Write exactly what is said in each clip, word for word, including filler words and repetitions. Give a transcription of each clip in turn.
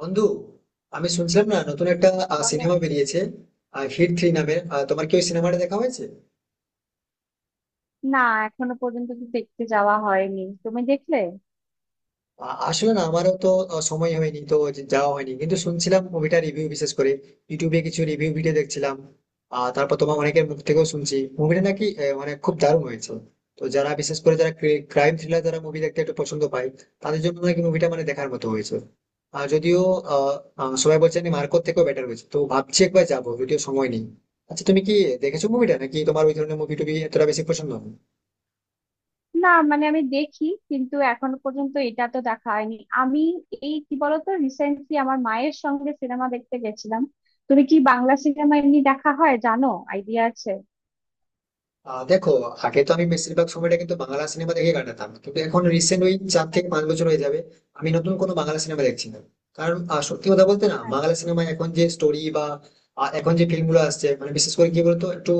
বন্ধু, আমি শুনছিলাম না নতুন একটা বলো। সিনেমা বেরিয়েছে, হিট থ্রি নামে। তোমার কি ওই সিনেমাটা দেখা হয়েছে? না, এখনো পর্যন্ত তো দেখতে যাওয়া হয়নি, তুমি দেখলে? আ- আসলে না, আমারও তো আহ, সময় হয়নি তো যে- যাওয়া হয়নি, কিন্তু শুনছিলাম মুভিটা রিভিউ, বিশেষ করে ইউটিউবে কিছু রিভিউ ভিডিও দেখছিলাম। আর তারপর তোমার অনেকের মুখ থেকেও শুনছি মুভিটা নাকি আহ, মানে খুব দারুণ হয়েছে। তো যারা বিশেষ করে যারা ক্রাইম থ্রিলার যারা মুভি দেখতে একটু পছন্দ পায়, তাদের জন্য নাকি মুভিটা মানে দেখার মতো হয়েছে। আর যদিও আহ আহ, সবাই বলছে মার্কোর থেকেও বেটার হয়েছে, তো ভাবছি একবার যাবো, যদিও সময় নেই। আচ্ছা, তুমি কি দেখেছো মুভিটা, নাকি তোমার ওই ধরনের মুভি টুভি এতটা বেশি পছন্দ না? না মানে আমি দেখি, কিন্তু এখনো পর্যন্ত এটা তো দেখা হয়নি। আমি, এই কি বলতো রিসেন্টলি আমার মায়ের সঙ্গে সিনেমা দেখতে গেছিলাম। তুমি কি বাংলা সিনেমা এমনি দেখা হয় জানো? আইডিয়া আছে? আহ দেখো, আগে তো আমি বেশিরভাগ সময়টা কিন্তু বাংলা সিনেমা দেখে কাটাতাম, কিন্তু এখন রিসেন্ট ওই চার থেকে পাঁচ আচ্ছা। বছর হয়ে যাবে আমি নতুন কোনো বাংলা সিনেমা দেখছি না। কারণ আহ, সত্যি কথা বলতে না, বাংলা আচ্ছা। সিনেমায় এখন যে স্টোরি বা আহ, এখন যে ফিল্মগুলো আসছে, মানে বিশেষ করে কি বলতো, একটু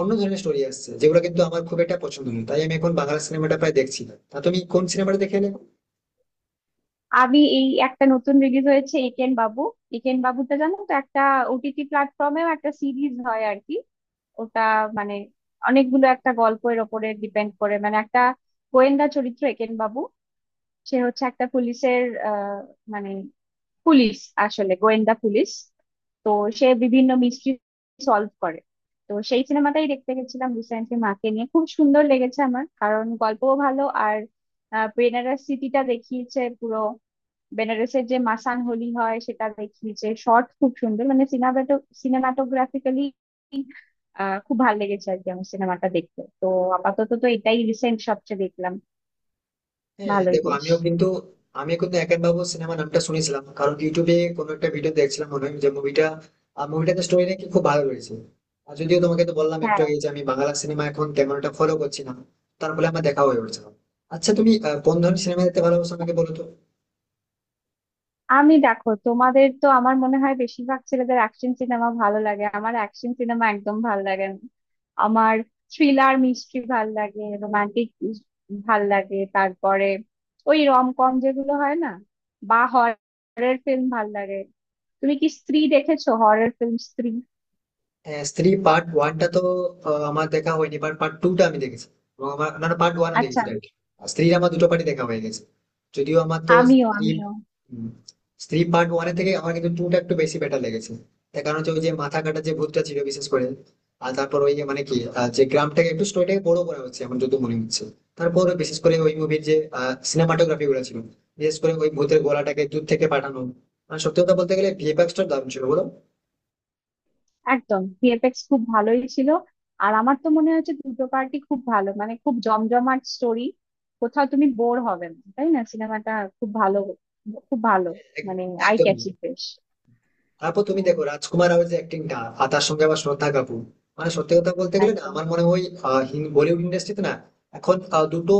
অন্য ধরনের স্টোরি আসছে যেগুলো কিন্তু আমার খুব একটা পছন্দ নয়, তাই আমি এখন বাংলা সিনেমাটা প্রায় দেখছি না। তা তুমি কোন সিনেমাটা দেখে এলে? আমি এই একটা নতুন রিলিজ হয়েছে, একেন বাবু। একেন বাবুটা জানো তো, একটা ওটিটি প্ল্যাটফর্মেও একটা সিরিজ হয় আর কি। ওটা মানে অনেকগুলো একটা গল্পের ওপরে ডিপেন্ড করে। মানে একটা গোয়েন্দা চরিত্র একেন বাবু। সে হচ্ছে একটা পুলিশের, আহ, মানে পুলিশ, আসলে গোয়েন্দা পুলিশ। তো সে বিভিন্ন মিস্ট্রি সলভ করে। তো সেই সিনেমাটাই দেখতে গেছিলাম রিসেন্টলি মাকে নিয়ে। খুব সুন্দর লেগেছে আমার, কারণ গল্পও ভালো, আর আহ, বেনারস সিটিটা দেখিয়েছে পুরো। বেনারসের যে মাসান হোলি হয় সেটা দেখিয়েছে শর্ট, খুব সুন্দর। মানে সিনেমাটো সিনেমাটোগ্রাফিক্যালি আহ খুব ভালো লেগেছে আর কি আমার সিনেমাটা দেখতে। তো আপাতত তো এটাই রিসেন্ট সবচেয়ে দেখলাম। হ্যাঁ ভালোই দেখো, বেশ। আমিও কিন্তু আমি কিন্তু একেন বাবু সিনেমা নামটা শুনেছিলাম, কারণ ইউটিউবে কোনো একটা ভিডিও দেখছিলাম, মনে হয় যে মুভিটা মুভিটাতে স্টোরি নাকি খুব ভালো রয়েছে। আর যদিও তোমাকে তো বললাম একটু হ্যাঁ। আগে যে আমি বাংলা সিনেমা এখন তেমন একটা ফলো করছি না, তার ফলে আমার দেখা হয়ে উঠছে না। আচ্ছা তুমি আহ, কোন ধরনের সিনেমা দেখতে ভালোবাসো, আমাকে বলো তো। আমি, দেখো, তোমাদের তো আমার মনে হয় বেশিরভাগ ছেলেদের অ্যাকশন সিনেমা ভালো লাগে, আমার অ্যাকশন সিনেমা একদম ভালো লাগে না। আমার থ্রিলার মিস্ট্রি ভাল লাগে, রোমান্টিক ভাল লাগে, তারপরে ওই রম কম যেগুলো হয় না, বা হরর ফিল্ম ভাল লাগে। তুমি কি স্ত্রী দেখেছো? হরর ফিল্ম স্ত্রী। হ্যাঁ, স্ত্রী পার্ট ওয়ানটা তো আহ, আমার দেখা হয়নি, বাট পার্ট টুটা আমি দেখেছি। এবং আমার না পার্ট ওয়ানও আচ্ছা। দেখেছি, রাইট। স্ত্রী আমার দুটো পার্টি দেখা হয়ে গেছে। যদিও আমার তো আমিও স্ত্রী আমিও উম, স্ত্রী পার্ট ওয়ানের থেকে আমার কিন্তু টুটা একটু বেশি বেটার লেগেছে। তার কারণ হচ্ছে ওই যে মাথা কাটা যে ভূতটা ছিল বিশেষ করে। আর তারপর ওই যে মানে কি আহ, যে গ্রামটাকে একটু স্টোরিটাকে বড় করা হচ্ছে আমার যত মনে হচ্ছে। তারপর বিশেষ করে ওই মুভির যে সিনেমাটোগ্রাফি গুলো ছিল, বিশেষ করে ওই ভূতের গলাটাকে দূর থেকে পাঠানো, মানে সত্যি কথা বলতে গেলে ভি এফ এক্স টা দারুণ ছিল, বলো? একদম, ভিএফএক্স খুব ভালোই ছিল। আর আমার তো মনে হচ্ছে দুটো পার্টি খুব ভালো, মানে খুব জমজমাট স্টোরি। কোথাও তুমি বোর হবে না, তাই না সিনেমাটা? খুব ভালো, খুব ভালো। হ্যাঁ, এক- মানে আই একদমই। ক্যাচি বেশ। তারপর তুমি হুম। দেখো রাজকুমার রাওয়ের যে অ্যাক্টিংটা, আর তার সঙ্গে আবার শ্রদ্ধা কাপুর। মানে সত্যি কথা বলতে গেলে না, একদম। আমার মনে হয় আহ, হিন- বলিউড ইন্ডাস্ট্রিতে না এখন আহ, দুটো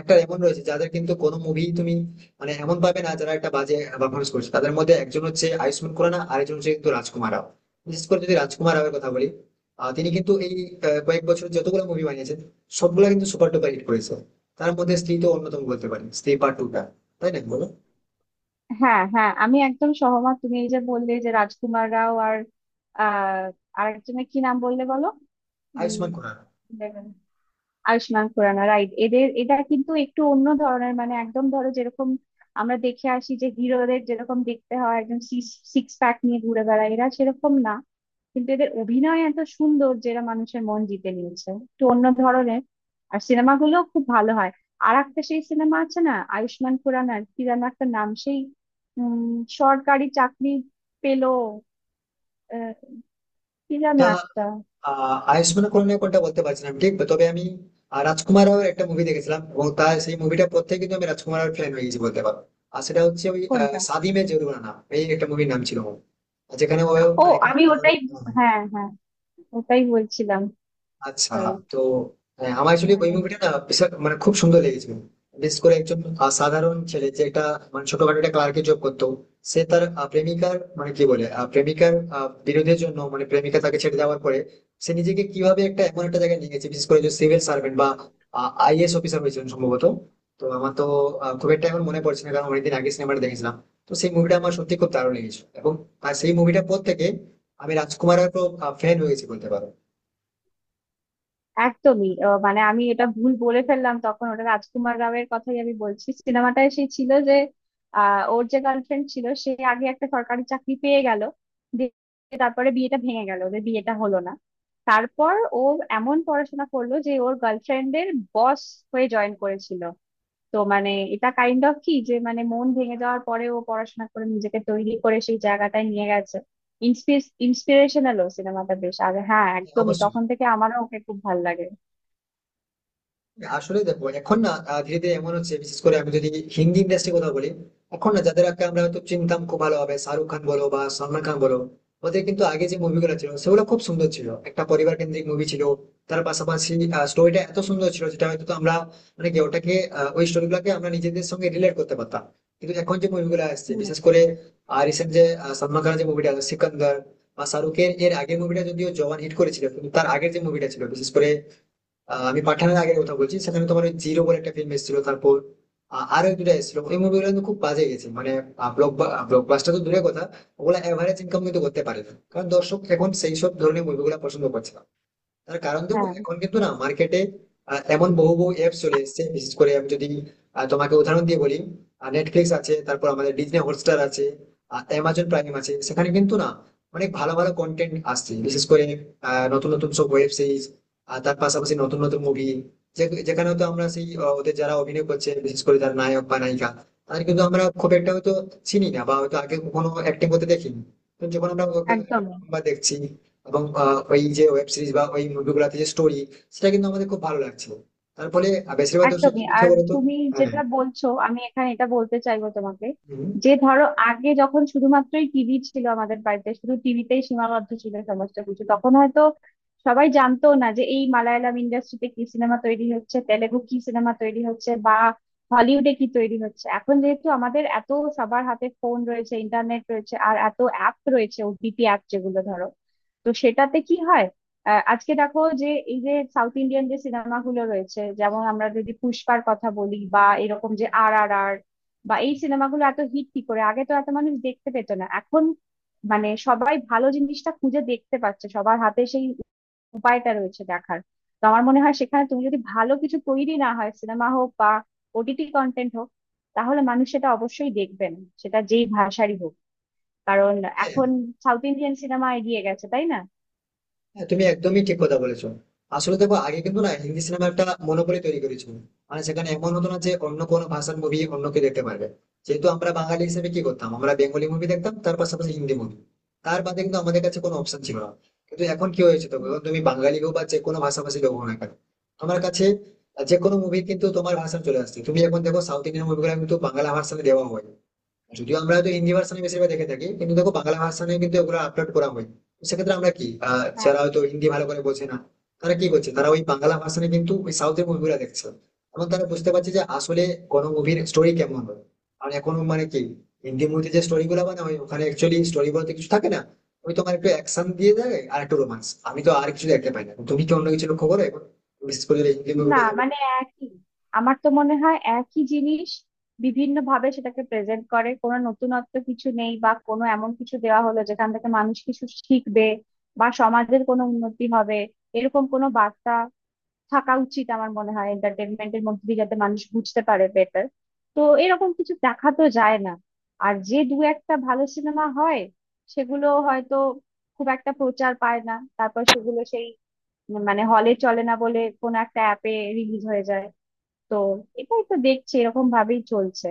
একটা এমন রয়েছে যাদের কিন্তু কোনো মুভি তুমি মানে এমন পাবে না যারা একটা বাজে পারফরমেন্স করছে। তাদের মধ্যে একজন হচ্ছে আয়ুষ্মান খুরানা, আর একজন হচ্ছে কিন্তু রাজকুমার রাও। বিশেষ করে যদি রাজকুমার রাওয়ের কথা বলি, আহ, তিনি কিন্তু এই আহ, কয়েক বছর যতগুলো মুভি বানিয়েছেন সবগুলা কিন্তু সুপার ডুপার হিট করেছে। তার মধ্যে স্ত্রী তো অন্যতম বলতে পারি, স্ত্রী পার্ট টু টা, তাই না বলো? হ্যাঁ, হ্যাঁ, আমি একদম সহমত। তুমি এই যে বললে যে রাজকুমার রাও আর আহ আরেকজনের কি নাম বললে বলো? উম, আয়ুষ্মান খুরানা। আয়ুষ্মান খুরানা, রাইট। এদের, এরা কিন্তু একটু অন্য ধরনের। মানে একদম ধরো যেরকম আমরা দেখে আসি যে হিরোদের যেরকম দেখতে হয়, একদম সিক্স প্যাক নিয়ে ঘুরে বেড়ায়, এরা সেরকম না। কিন্তু এদের অভিনয় এত সুন্দর, যেটা মানুষের মন জিতে নিয়েছে, একটু অন্য ধরনের। আর সিনেমাগুলো খুব ভালো হয়। আর একটা সেই সিনেমা আছে না, আয়ুষ্মান খুরানার কি যেন একটা নাম, সেই, উম, সরকারি চাকরি পেলো, আহ, কি যেন এটা একটা। আহ আয়ুষ্মান খুরানা কোনটা বলতে পারছি না আমি ঠিক, তবে আমি আহ, রাজকুমার রাওয়ের একটা মুভি দেখেছিলাম, এবং তার সেই মুভিটা পর থেকে কিন্তু আমি রাজকুমার রাওয়ের ফ্যান হয়ে গেছি বলতে পারো। আর সেটা হচ্ছে ওই আহ, কোনটা? শাদি মে জরুরানা, এই একটা মুভির নাম ছিল ওর। যেখানে ও ও, মানে একজন- আমি ওটাই, হ্যাঁ, হ্যাঁ, ওটাই বলছিলাম। আচ্ছা। সরি। তো হ্যাঁ, আমার অ্যাকচুয়ালি ওই হুম। মুভিটা না বিশাল মানে খুব সুন্দর লেগেছিল। বিশেষ করে একজন আহ, সাধারণ ছেলে যে একটা মানে ছোটখাটো একটা ক্লার্কে জব করতো। সে তার আহ, প্রেমিকার মানে কি বলে আহ, প্রেমিকার আহ, বিরোধের জন্য, মানে প্রেমিকা তাকে ছেড়ে দেওয়ার পরে সে নিজেকে কিভাবে একটা এমন একটা জায়গায় নিয়ে গেছে, বিশেষ করে যে সিভিল সার্ভেন্ট বা আই এ এস অফিসার হয়েছিলেন সম্ভবত। তো আমার তো আহ, খুব একটা এখন মনে পড়ছে না, কারণ অনেকদিন আগে সিনেমাটা দেখেছিলাম। তো সেই মুভিটা আমার সত্যি খুব দারুণ লেগেছিল, এবং আর সেই মুভিটার পর থেকে আমি রাজকুমারের ফ্যান হয়ে গেছি বলতে পারো। একদমই। আহ, মানে আমি এটা ভুল বলে ফেললাম তখন, ওটা রাজকুমার রাওয়ের কথাই আমি বলছি। সিনেমাটায় সেই ছিল যে আহ, ওর যে গার্লফ্রেন্ড ছিল সে আগে একটা সরকারি চাকরি পেয়ে গেল, দিয়ে তারপরে বিয়েটা ভেঙে গেল, ওদের বিয়েটা হলো না। তারপর ও এমন পড়াশোনা করলো যে ওর গার্লফ্রেন্ডের বস হয়ে জয়েন করেছিল। তো মানে এটা কাইন্ড অফ কি যে মানে মন ভেঙে যাওয়ার পরেও পড়াশোনা করে নিজেকে তৈরি করে সেই জায়গাটায় নিয়ে গেছে। ইন্সপিরেশনালও সিনেমাটা বেশ। আর হ্যাঁ, হ্যাঁ, একদমই, অবশ্যই। তখন থেকে আমারও ওকে খুব ভালো লাগে। আসলে দেখো এখন না আহ, ধীরে ধীরে এমন হচ্ছে, বিশেষ করে আমি যদি হিন্দি ইন্ডাস্ট্রি কথা বলি। এখন না যাদেরকে আমরা হয়তো চিনতাম খুব ভালোভাবে, শাহরুখ খান বলো বা সালমান খান বলো, ওদের কিন্তু আগে যে মুভিগুলো ছিল সেগুলো খুব সুন্দর ছিল, একটা পরিবার কেন্দ্রিক মুভি ছিল। তার পাশাপাশি স্টোরিটা এত সুন্দর ছিল যেটা হয়তো তো আমরা মানে কি ওটাকে, আহ, ওই স্টোরি গুলাকে আমরা নিজেদের সঙ্গে রিলেট করতে পারতাম। কিন্তু এখন যে মুভিগুলো আসছে হুম। বিশেষ করে রিসেন্ট, যে আহ, সালমান খানের যে মুভিটা সিকান্দার, বা শাহরুখের এর আগের মুভিটা, যদিও জওয়ান হিট করেছিল কিন্তু তার আগের যে মুভিটা ছিল, বিশেষ করে আহ, আমি পাঠানের আগের কথা বলছি, সেখানে তোমার ওই জিরো বলে একটা ফিল্ম এসেছিল, তারপর আহ, আরো এক দুটা এসেছিল, ওই মুভিগুলো কিন্তু খুব বাজে গেছে, মানে ব্লকবাস্টার তো দূরের কথা, ওগুলা এভারেজ ইনকাম কিন্তু করতে পারে না, কারণ দর্শক এখন সেই সব ধরনের মুভিগুলো পছন্দ করছে না। তার কারণ দেখো হ্যাঁ, এখন কিন্তু না মার্কেটে এমন বহু বহু অ্যাপ চলে এসেছে, বিশেষ করে আমি যদি আহ, তোমাকে উদাহরণ দিয়ে বলি। নেটফ্লিক্স আছে, তারপর আমাদের ডিজনি হটস্টার আছে, অ্যামাজন প্রাইম আছে, সেখানে কিন্তু না অনেক ভালো ভালো কন্টেন্ট আসছে, বিশেষ করে আহ, নতুন নতুন সব ওয়েব সিরিজ, আর তার পাশাপাশি নতুন নতুন মুভি। যেখানে হয়তো আমরা সেই আহ, ওদের যারা অভিনয় করছে, বিশেষ করে যারা নায়ক বা নায়িকা, তাদের কিন্তু আমরা খুব একটা হয়তো চিনি না, বা হয়তো আগে কখনো অ্যাক্টিং করতে দেখিনি। তো যখন আমরা ওকে একদমই। প্রথমবার দেখছি, এবং আহ, ওই যে ওয়েব সিরিজ বা ওই মুভিগুলোতে যে স্টোরি, সেটা কিন্তু আমাদের খুব ভালো লাগছে। তার ফলে আহ, বেশিরভাগ দর্শক কি একদমই। করছে আর বলতো? তুমি হ্যাঁ। যেটা বলছো, আমি এখানে এটা বলতে চাইবো তোমাকে হুম, যে ধরো আগে যখন শুধুমাত্রই টিভি ছিল আমাদের বাড়িতে, শুধু টিভিতেই সীমাবদ্ধ ছিল সমস্ত কিছু, তখন হয়তো সবাই জানতো না যে এই মালায়ালাম ইন্ডাস্ট্রিতে কি সিনেমা তৈরি হচ্ছে, তেলেগু কি সিনেমা তৈরি হচ্ছে, বা হলিউডে কি তৈরি হচ্ছে। এখন যেহেতু আমাদের এত, সবার হাতে ফোন রয়েছে, ইন্টারনেট রয়েছে, আর এত অ্যাপ রয়েছে, ওটিটি অ্যাপ যেগুলো ধরো। তো সেটাতে কি হয়, আহ, আজকে দেখো যে এই যে সাউথ ইন্ডিয়ান যে সিনেমাগুলো রয়েছে, যেমন আমরা যদি পুষ্পার কথা বলি, বা এরকম যে আর আর আর, বা এই সিনেমাগুলো এত হিট কি করে? আগে তো এত মানুষ দেখতে পেত না, এখন মানে সবাই ভালো জিনিসটা খুঁজে দেখতে পাচ্ছে, সবার হাতে সেই উপায়টা রয়েছে দেখার। তো আমার মনে হয় সেখানে তুমি যদি ভালো কিছু তৈরি না হয়, সিনেমা হোক বা ওটিটি কন্টেন্ট হোক, তাহলে মানুষ সেটা অবশ্যই দেখবেন, সেটা যেই ভাষারই হোক। কারণ হ্যাঁ। এখন সাউথ ইন্ডিয়ান সিনেমা এগিয়ে গেছে, তাই না? হ্যাঁ, তুমি একদমই ঠিক কথা বলেছো। আসলে দেখো আগে কিন্তু না হিন্দি সিনেমা একটা মনোপলি তৈরি করেছিল। মানে সেখানে এমন হতো না যে অন্য কোনো ভাষার মুভি অন্য কেউ দেখতে পারবে। যেহেতু আমরা বাঙালি হিসেবে কি করতাম, আমরা বেঙ্গলি মুভি দেখতাম, তার পাশাপাশি হিন্দি মুভি। তার বাদে কিন্তু আমাদের কাছে কোনো অপশন ছিল না। কিন্তু এখন কি হয়েছে, তবে তুমি বাঙালি হোক বা যে কোনো ভাষাভাষী লোক হও না কেন, তোমার কাছে যে কোনো মুভি কিন্তু তোমার ভাষা চলে আসছে। তুমি এখন দেখো সাউথ ইন্ডিয়ান মুভিগুলো কিন্তু বাংলা ভাষাতে দেওয়া হয়। যদিও আমরা হয়তো হিন্দি ভার্সানে বেশিরভাগ দেখে থাকি, কিন্তু দেখো বাংলা ভার্সানে কিন্তু এগুলো আপলোড করা হয়। তো সেক্ষেত্রে আমরা কি, আহ, হুম। যারা হয়তো হিন্দি ভালো করে বোঝে না, তারা কি করছে, তারা ওই বাংলা ভার্সানে কিন্তু ওই সাউথের মুভিগুলো দেখছে। এবং তারা বুঝতে পারছে যে আসলে কোনো মুভির স্টোরি কেমন হয়। আর এখন মানে কি, হিন্দি মুভিতে যে স্টোরি গুলো বানা হয় ওখানে অ্যাকচুয়ালি স্টোরি বলতে কিছু থাকে না। ওই তোমার একটু অ্যাকশন দিয়ে দেয় আর একটু রোমান্স, আমি তো আর কিছু দেখতে পাই না। তুমি কি অন্য কিছু লক্ষ্য করো এখন, বিশেষ করে যদি হিন্দি মুভির না কথা বলি? মানে একই, আমার তো মনে হয় একই জিনিস বিভিন্ন ভাবে সেটাকে প্রেজেন্ট করে। কোনো নতুনত্ব কিছু নেই, বা কোনো এমন কিছু দেওয়া হলো যেখান থেকে মানুষ কিছু শিখবে বা সমাজের কোনো উন্নতি হবে, এরকম কোনো বার্তা থাকা উচিত আমার মনে হয় এন্টারটেনমেন্টের মধ্যে দিয়ে, যাতে মানুষ বুঝতে পারে বেটার। তো এরকম কিছু দেখা তো যায় না। আর যে দু একটা ভালো সিনেমা হয়, সেগুলো হয়তো খুব একটা প্রচার পায় না, তারপর সেগুলো সেই মানে হলে চলে না বলে কোনো একটা অ্যাপে রিলিজ হয়ে যায়। তো এটাই তো দেখছি, এরকম ভাবেই চলছে।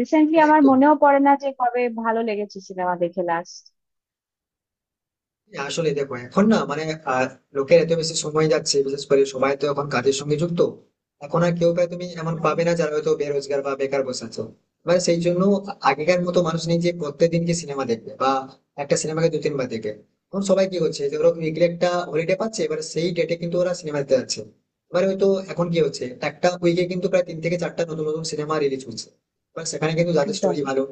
রিসেন্টলি হ্যাঁ, আমার একদম। মনেও পড়ে না যে কবে ভালো লেগেছে সিনেমা দেখে লাস্ট। আসলে দেখো এখন না মানে আহ, লোকের এত বেশি সময় যাচ্ছে, বিশেষ করে সবাই তো এখন কাজের সঙ্গে যুক্ত। এখন আর কেউ প্রায় তুমি এমন হ্যাঁ, পাবে না যারা হয়তো বেরোজগার বা বেকার বসে আছে। মানে সেই জন্য আগেকার মতো মানুষ নেই যে প্রত্যেকদিন কি সিনেমা দেখবে বা একটা সিনেমাকে দু তিনবার দেখবে। এখন সবাই কি হচ্ছে যে ওরা উইকলি একটা হলিডে পাচ্ছে, এবার সেই ডেটে কিন্তু ওরা সিনেমা দেখতে যাচ্ছে। এবার হয়তো এখন কি হচ্ছে একটা উইকে কিন্তু প্রায় তিন থেকে চারটা নতুন নতুন সিনেমা রিলিজ হচ্ছে। এবার সেখানে কিন্তু যাদের একদম। স্টোরি ভালো,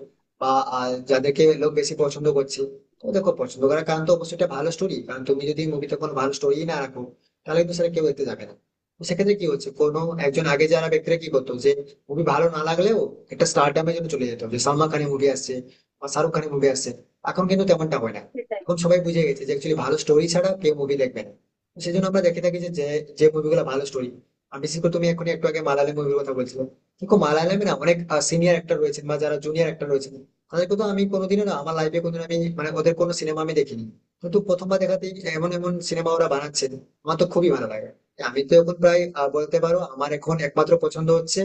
বা আহ, যাদেরকে লোক বেশি পছন্দ করছে। তো দেখো পছন্দ করার কারণ তো অবশ্যই একটা ভালো স্টোরি, কারণ তুমি যদি মুভিতে কোনো ভালো স্টোরি না রাখো, তাহলে কিন্তু সেটা কেউ দেখতে যাবে না। তো সেক্ষেত্রে কি হচ্ছে, কোনো একজন, আগে যারা ব্যক্তিরা কি করতো, যে মুভি ভালো না লাগলেও একটা স্টারডামের জন্য চলে যেত যে সালমান খানের মুভি আসছে বা শাহরুখ খানের মুভি আসছে। এখন কিন্তু তেমনটা হয় না। সেটাই। এখন সবাই বুঝে গেছে যে অ্যাকচুয়ালি ভালো স্টোরি ছাড়া কেউ মুভি দেখবে না। তো সেই জন্য আমরা দেখে থাকি যে যে- যে মুভিগুলো ভালো স্টোরি। আর বিশেষ করে তুমি এখন একটু আগে মালায়ালাম মুভির কথা বলছিলে, দেখো মালায়ালামে না অনেক সিনিয়র অ্যাক্টর রয়েছেন, বা যারা জুনিয়র অ্যাক্টর রয়েছেন। আর দেখো তো আমি কোনোদিনও না, আমার লাইফে কোনোদিন আমি মানে ওদের কোনো সিনেমা আমি দেখিনি। কিন্তু প্রথমবার দেখাতেই এমন এমন সিনেমা ওরা বানাচ্ছে, আমার তো খুবই ভালো লাগে। আমি তো এখন প্রায় আহ, বলতে পারো আমার এখন একমাত্র পছন্দ হচ্ছে,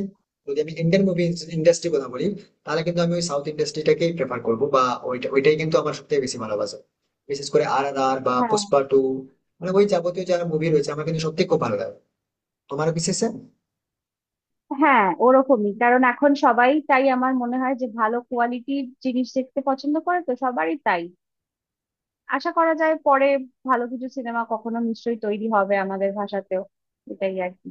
যদি আমি ইন্ডিয়ান মুভি ইন্ডাস্ট্রি কথা বলি, তাহলে কিন্তু আমি ওই সাউথ ইন্ডাস্ট্রিটাকেই প্রেফার করবো, বা ওইটা ওইটাই কিন্তু আমার সবথেকে বেশি ভালোবাসা। বিশেষ করে আর আর আর বা হ্যাঁ, পুষ্পা টু, মানে ওই যাবতীয় যারা মুভি রয়েছে আমার কিন্তু সত্যি খুব ভালো লাগে তোমার বিশেষে। হ্যাঁ, ওরকমই। কারণ এখন সবাই, তাই আমার মনে হয়, যে ভালো কোয়ালিটির জিনিস দেখতে পছন্দ করে, তো সবারই তাই আশা করা যায়, পরে ভালো কিছু সিনেমা কখনো নিশ্চয়ই তৈরি হবে আমাদের ভাষাতেও। এটাই আর কি।